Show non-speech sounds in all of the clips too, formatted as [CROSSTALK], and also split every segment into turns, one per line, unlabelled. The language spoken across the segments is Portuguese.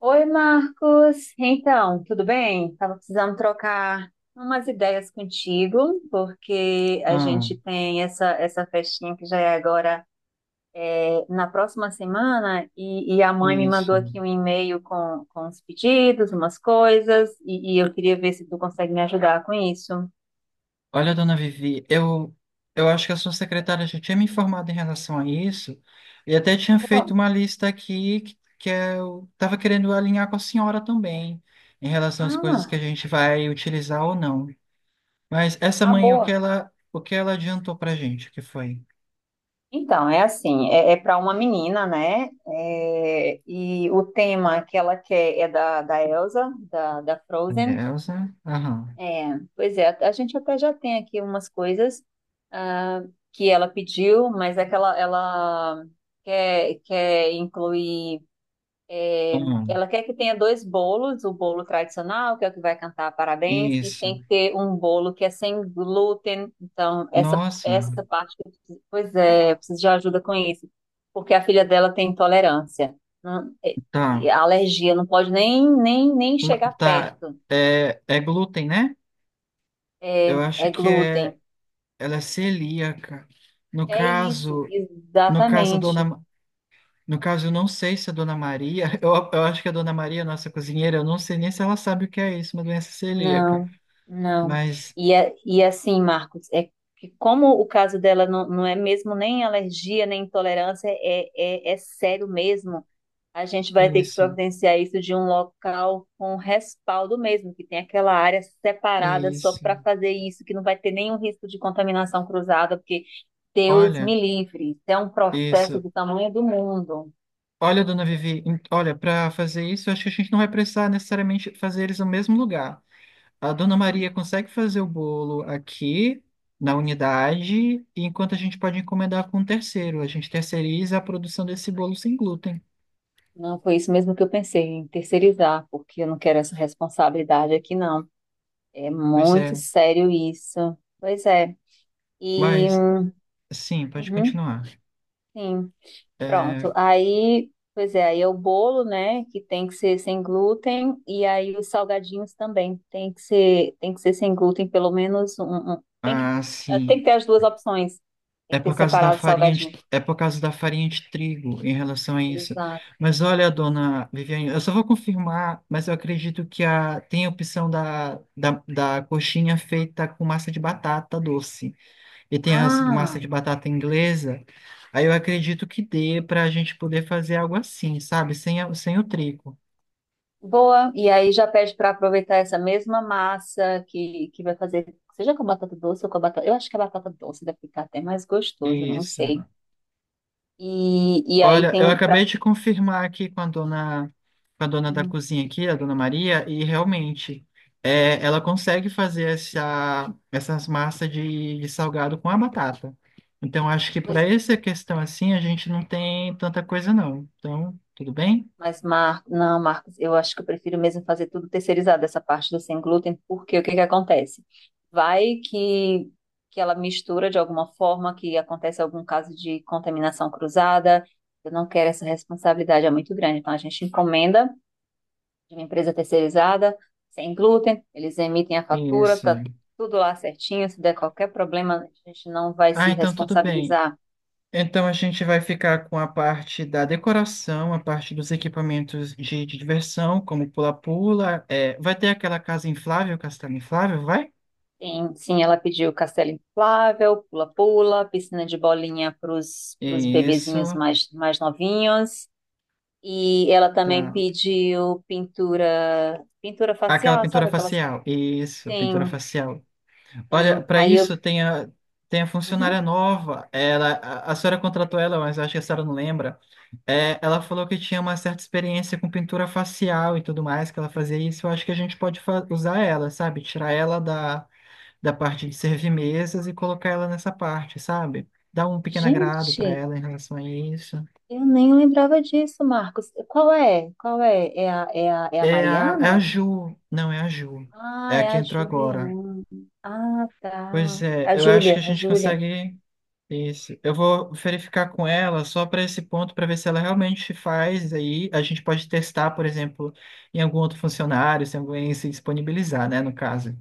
Oi, Marcos. Então, tudo bem? Estava precisando trocar umas ideias contigo, porque a
Ah,
gente tem essa festinha que já é agora. É, na próxima semana, e a mãe me mandou
isso.
aqui um e-mail com os pedidos, umas coisas, e eu queria ver se tu consegue me ajudar com isso.
Olha, dona Vivi, eu acho que a sua secretária já tinha me informado em relação a isso e até
Ah,
tinha
boa.
feito uma lista aqui que eu estava querendo alinhar com a senhora também em relação às coisas que a
Ah,
gente vai utilizar ou não. Mas essa
ah,
manhã,
boa.
o que ela adiantou pra gente, o que foi?
Então, é assim, para uma menina, né? É, e o tema que ela quer é da Elsa, da Frozen.
Elsa? Aham.
É, pois é, a gente até já tem aqui umas coisas ah, que ela pediu, mas é que ela quer incluir,
Aham.
ela quer que tenha dois bolos, o bolo tradicional, que é o que vai cantar parabéns, e
Isso.
tem que ter um bolo que é sem glúten. Então essa,
Nossa.
essa parte, que pois é, eu preciso de ajuda com isso, porque a filha dela tem intolerância, não- é- é
Tá.
alergia, não pode nem chegar
Tá.
perto,
É, é glúten, né? Eu
é,
acho
é
que é.
glúten.
Ela é celíaca. No
É isso,
caso, no caso, a dona,
exatamente.
Ma- no caso, eu não sei se a dona Maria, [LAUGHS] eu acho que a dona Maria, nossa cozinheira, eu não sei nem se ela sabe o que é isso, uma doença celíaca.
Não, não.
Mas
E assim, Marcos, é que como o caso dela não é mesmo nem alergia, nem intolerância, é sério mesmo. A gente vai ter que
isso,
providenciar isso de um local com respaldo mesmo, que tem aquela área separada só para
isso.
fazer isso, que não vai ter nenhum risco de contaminação cruzada, porque Deus
Olha,
me livre, isso é um processo
isso.
do tamanho do mundo.
Olha, dona Vivi, olha, para fazer isso, eu acho que a gente não vai precisar necessariamente fazer eles no mesmo lugar. A dona Maria consegue fazer o bolo aqui na unidade, enquanto a gente pode encomendar com um terceiro. A gente terceiriza a produção desse bolo sem glúten.
Não, foi isso mesmo que eu pensei, em terceirizar, porque eu não quero essa responsabilidade aqui, não. É
Pois
muito
é,
sério isso. Pois é. E,
mas sim, pode
uhum,
continuar.
sim, pronto. Aí, pois é, aí é o bolo, né, que tem que ser sem glúten, e aí os salgadinhos também tem que ser sem glúten, pelo menos um tem que,
Ah,
tem
sim.
que ter as duas opções. Tem
É
que ter
por causa da
separado o
farinha de,
salgadinho.
é por causa da farinha de trigo em relação a isso.
Exato.
Mas olha, dona Viviane, eu só vou confirmar, mas eu acredito que tem a opção da coxinha feita com massa de batata doce. E tem a massa de
Ah!
batata inglesa. Aí eu acredito que dê para a gente poder fazer algo assim, sabe? Sem o trigo.
Boa, e aí já pede para aproveitar essa mesma massa que vai fazer, seja com batata doce ou com a batata. Eu acho que a batata doce deve ficar até mais gostoso, não
Isso.
sei. E aí
Olha, eu
tem
acabei
para.
de confirmar aqui com a dona da cozinha aqui, a dona Maria, e realmente é, ela consegue fazer essas massas de salgado com a batata. Então acho que
Pois,
para essa questão assim a gente não tem tanta coisa não. Então, tudo bem?
mas Marcos, não, Marcos, eu acho que eu prefiro mesmo fazer tudo terceirizado, essa parte do sem glúten, porque o que que acontece? Vai que, ela mistura de alguma forma, que acontece algum caso de contaminação cruzada. Eu não quero essa responsabilidade, é muito grande. Então a gente encomenda de uma empresa terceirizada, sem glúten, eles emitem a fatura,
Isso.
tá tudo lá certinho, se der qualquer problema, a gente não vai
Ah,
se
então tudo bem.
responsabilizar.
Então a gente vai ficar com a parte da decoração, a parte dos equipamentos de diversão, como pula-pula. É, vai ter aquela casa inflável, castelo inflável, vai?
Tem, sim, ela pediu castelo inflável, pula-pula, piscina de bolinha para os bebezinhos
Isso,
mais novinhos. E ela também
tá.
pediu pintura
Aquela
facial,
pintura
sabe aquelas?
facial. Isso,
Tem,
pintura facial. Olha,
tem.
para isso tem tem a
Uhum.
funcionária nova. A senhora contratou ela, mas acho que a senhora não lembra. É, ela falou que tinha uma certa experiência com pintura facial e tudo mais, que ela fazia isso. Eu acho que a gente pode usar ela, sabe? Tirar ela da parte de servir mesas e colocar ela nessa parte, sabe? Dar um pequeno agrado para
Gente,
ela em relação a isso.
eu nem lembrava disso, Marcos. Qual é? Qual é? É a
É a, é a
Mariana?
Ju. Não, é a Ju.
Ah,
É a
é
que
a
entrou agora.
Juliana. Ah,
Pois
tá.
é,
A
eu acho que a
Júlia, a
gente
Júlia.
consegue isso. Eu vou verificar com ela só para esse ponto, para ver se ela realmente faz. Aí a gente pode testar, por exemplo, em algum outro funcionário, se alguém se disponibilizar, né, no caso.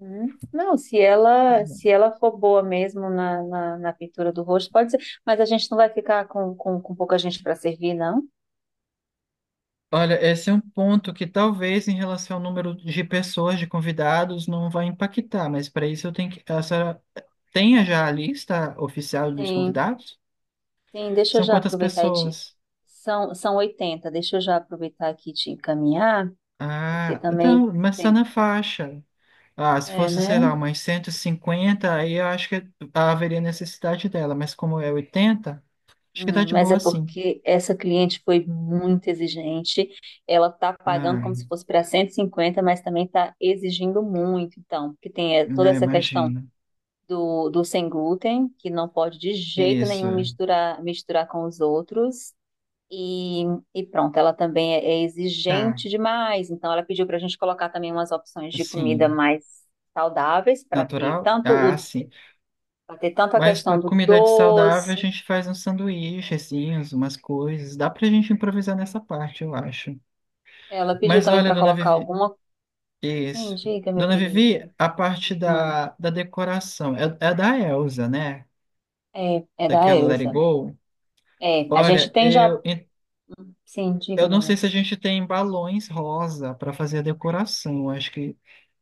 Hum. Não, se ela for boa mesmo na pintura do rosto, pode ser. Mas a gente não vai ficar com pouca gente para servir, não?
Olha, esse é um ponto que talvez em relação ao número de pessoas, de convidados, não vai impactar, mas para isso eu tenho que. A senhora tenha já a lista oficial dos
Sim,
convidados?
sim. Deixa eu
São
já
quantas
aproveitar e te.
pessoas?
São 80. Deixa eu já aproveitar aqui e te encaminhar, porque
Ah,
também
então, mas está na
tem.
faixa. Ah, se
É,
fosse, sei
né?
lá, umas 150, aí eu acho que haveria necessidade dela, mas como é 80, acho que tá
Hum,
de
mas é
boa sim.
porque essa cliente foi muito exigente. Ela está pagando
Ah,
como se fosse para 150, mas também está exigindo muito, então, porque tem toda
né,
essa questão
imagino.
do sem glúten, que não pode de jeito
Isso,
nenhum misturar, misturar com os outros. E, e pronto, ela também é
tá,
exigente demais. Então, ela pediu para a gente colocar também umas opções de comida
assim,
mais saudáveis, para ter
natural?
tanto
Ah,
o,
sim.
para ter tanto a
Mas para
questão do
comida de saudável, a
doce.
gente faz uns sanduíchezinhos, umas coisas, dá pra gente improvisar nessa parte, eu acho.
Ela pediu
Mas
também
olha,
para
dona
colocar
Vivi,
alguma Sim,
isso.
diga, meu
Dona Vivi,
querido.
a parte
Não,
da decoração, é, é da Elsa, né?
é da
Daquela Let It
Elsa.
Go.
É, a gente
Olha,
tem já. Sim,
eu
diga, meu
não sei
amor.
se a gente tem balões rosa para fazer a decoração. Acho que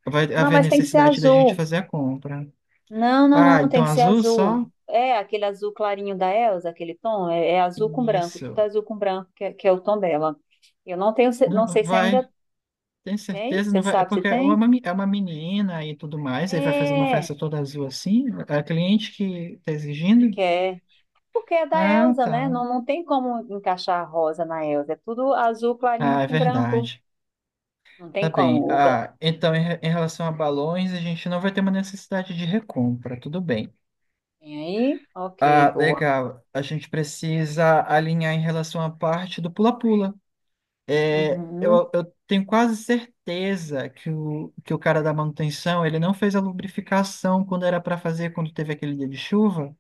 vai
Não,
haver
mas tem que ser
necessidade da gente
azul.
fazer a compra.
Não, não,
Ah,
não, tem
então
que ser
azul
azul.
só?
É aquele azul clarinho da Elsa, aquele tom. É azul com branco, tudo
Isso.
azul com branco, é que é o tom dela. Eu não tenho,
Não,
não
não
sei se
vai,
ainda
tem
tem.
certeza? Não
Você
vai. É
sabe se
porque é
tem?
uma, é uma menina e tudo mais, aí vai fazer uma
É,
festa toda azul assim? É a cliente que está
e
exigindo?
quer. Porque é da
Ah,
Elsa, né?
tá.
Não, não tem como encaixar a rosa na Elsa. É tudo azul clarinho
Ah, é
com branco.
verdade.
Não
Tá
tem
bem.
como.
Ah, então em relação a balões, a gente não vai ter uma necessidade de recompra, tudo bem.
Vem aí? Ok,
Ah,
boa.
legal. A gente precisa alinhar em relação à parte do pula-pula. É, Eu,
Uhum,
eu tenho quase certeza que o cara da manutenção, ele não fez a lubrificação quando era para fazer, quando teve aquele dia de chuva.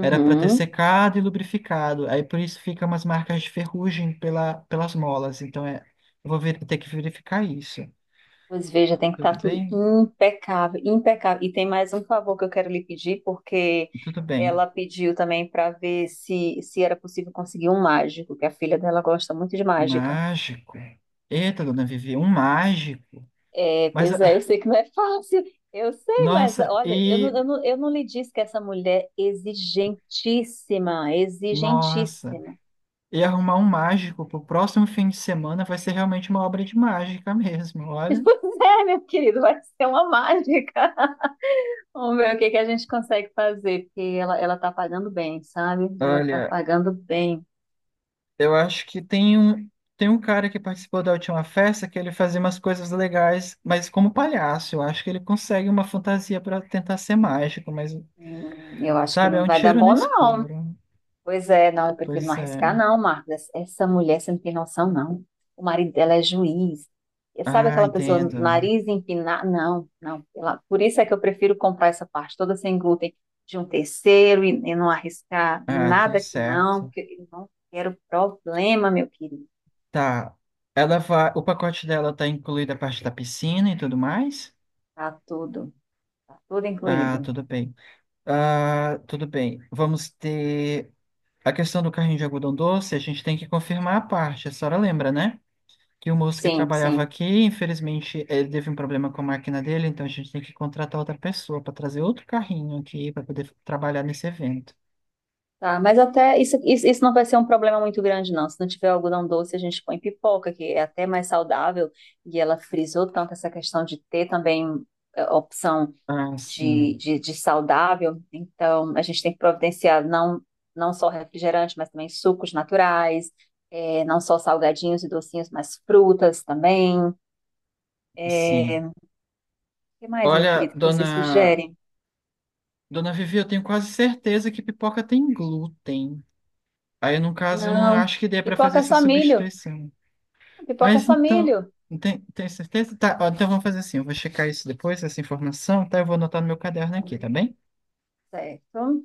Era para ter secado e lubrificado. Aí por isso fica umas marcas de ferrugem pelas molas. Então é, eu vou ter que verificar isso.
Pois veja, tem que
Tudo
estar tudo
bem?
impecável, impecável. E tem mais um favor que eu quero lhe pedir, porque
Tudo bem.
ela pediu também para ver se era possível conseguir um mágico, que a filha dela gosta muito de mágica.
Mágico. Eita, dona Vivi, um mágico.
É,
Mas,
pois é, eu
ah,
sei que não é fácil, eu sei, mas
nossa,
olha, eu
e
não, eu não, eu não lhe disse que essa mulher é exigentíssima,
Nossa,
exigentíssima. [LAUGHS]
e arrumar um mágico pro próximo fim de semana vai ser realmente uma obra de mágica mesmo, olha.
Pois é, meu querido, vai ser uma mágica. Vamos ver o que que a gente consegue fazer, porque ela tá pagando bem, sabe? Ela tá
Olha,
pagando bem.
eu acho que tem tem um cara que participou da última festa que ele fazia umas coisas legais, mas como palhaço, eu acho que ele consegue uma fantasia para tentar ser mágico, mas,
Eu acho que
sabe, é
não
um
vai dar
tiro no
bom, não.
escuro.
Pois é, não, eu prefiro não
Pois
arriscar,
é.
não, Marcos. Essa mulher, você não tem noção, não. O marido dela é juiz. E sabe
Ah,
aquela pessoa,
entendo.
nariz empinado? Não, não. Por isso é que eu prefiro comprar essa parte toda sem glúten de um terceiro, e não arriscar
Ah, tudo
nada que não,
certo.
porque eu não quero problema, meu querido.
Tá. Ela vai, o pacote dela tá incluída a parte da piscina e tudo mais?
Tá tudo, tá tudo
Ah,
incluído.
tudo bem. Ah, tudo bem. Vamos ter a questão do carrinho de algodão doce. A gente tem que confirmar a parte. A senhora lembra, né? Que o moço que
Sim,
trabalhava
sim.
aqui, infelizmente, ele teve um problema com a máquina dele, então a gente tem que contratar outra pessoa para trazer outro carrinho aqui para poder trabalhar nesse evento.
Tá, mas até isso não vai ser um problema muito grande, não. Se não tiver algodão doce, a gente põe pipoca, que é até mais saudável. E ela frisou tanto essa questão de ter também, opção
Ah,
de,
sim,
de, de saudável. Então, a gente tem que providenciar não só refrigerante, mas também sucos naturais, não só salgadinhos e docinhos, mas frutas também.
sim.
É, o que mais, meu
Olha,
querido, que vocês
dona,
sugerem?
dona Vivi, eu tenho quase certeza que pipoca tem glúten. Aí, no caso, eu não
Não,
acho que dê para fazer
pipoca é
essa
só milho.
substituição.
Pipoca é
Mas
só
então,
milho.
tem certeza? Tá, ó, então vamos fazer assim, eu vou checar isso depois, essa informação, tá? Eu vou anotar no meu caderno aqui, tá bem?
Certo.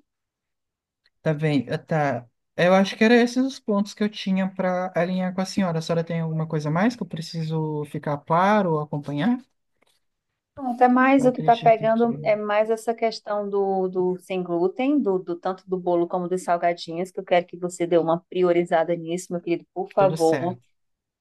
Tá bem, tá. Eu acho que era esses os pontos que eu tinha para alinhar com a senhora. A senhora tem alguma coisa mais que eu preciso ficar claro ou acompanhar?
Até
Eu
mais o que está
acredito que
pegando é mais essa questão do sem glúten, do tanto do bolo como dos salgadinhos, que eu quero que você dê uma priorizada nisso, meu querido, por
tudo
favor.
certo.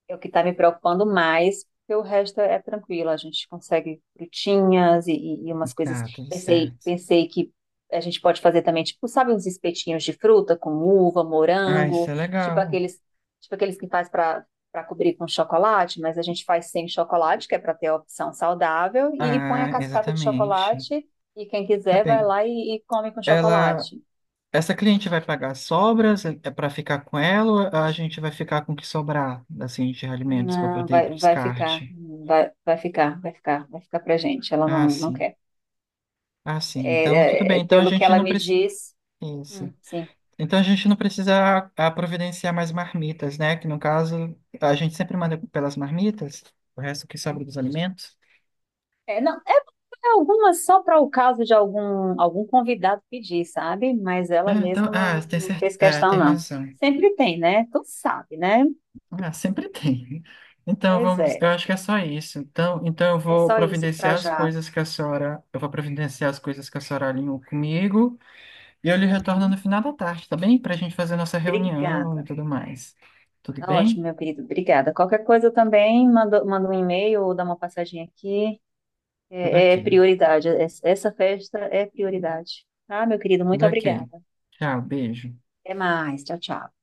É o que está me preocupando mais, porque o resto é tranquilo, a gente consegue frutinhas e umas coisas.
Tá, tudo
Pensei,
certo.
pensei que a gente pode fazer também, tipo, sabe, uns espetinhos de fruta com uva,
Ah, isso
morango,
é
tipo
legal.
aqueles, tipo aqueles que faz para cobrir com chocolate, mas a gente faz sem chocolate, que é para ter a opção saudável, e põe a
Ah,
cascata de
exatamente.
chocolate, e quem
Tá
quiser vai
bem.
lá e come com
Ela
chocolate.
Essa cliente vai pagar as sobras é para ficar com ela ou a gente vai ficar com o que sobrar assim de alimentos para
Não,
poder ir para
vai,
o
vai ficar,
descarte?
vai ficar, vai ficar, vai ficar pra gente. Ela
Ah,
não
sim.
quer.
Ah, sim. Então, tudo
É,
bem. Então a
pelo que
gente
ela
não
me
precisa
diz.
isso.
Hum. Sim.
Então a gente não precisa providenciar mais marmitas, né? Que no caso a gente sempre manda pelas marmitas, o resto que sobra dos alimentos.
É, não, é algumas só para o caso de algum convidado pedir, sabe? Mas ela
Ah, então,
mesma não,
tem
não fez
é, tem
questão, não.
razão.
Sempre tem, né? Tu sabe, né?
Ah, sempre tem. Então
Pois
vamos, eu
é.
acho que é só isso. Então, então
É só isso para já.
eu vou providenciar as coisas que a senhora alinhou comigo e eu lhe retorno no
Uhum.
final da tarde, tá bem? Para a gente fazer nossa reunião e
Obrigada.
tudo mais. Tudo
Tá ótimo,
bem?
meu querido. Obrigada. Qualquer coisa eu também mando um e-mail ou dá uma passadinha aqui.
Tudo
É,
ok.
é prioridade. Essa festa é prioridade. Tá, meu querido? Muito
Tudo ok.
obrigada.
Tchau, beijo.
Até mais. Tchau, tchau.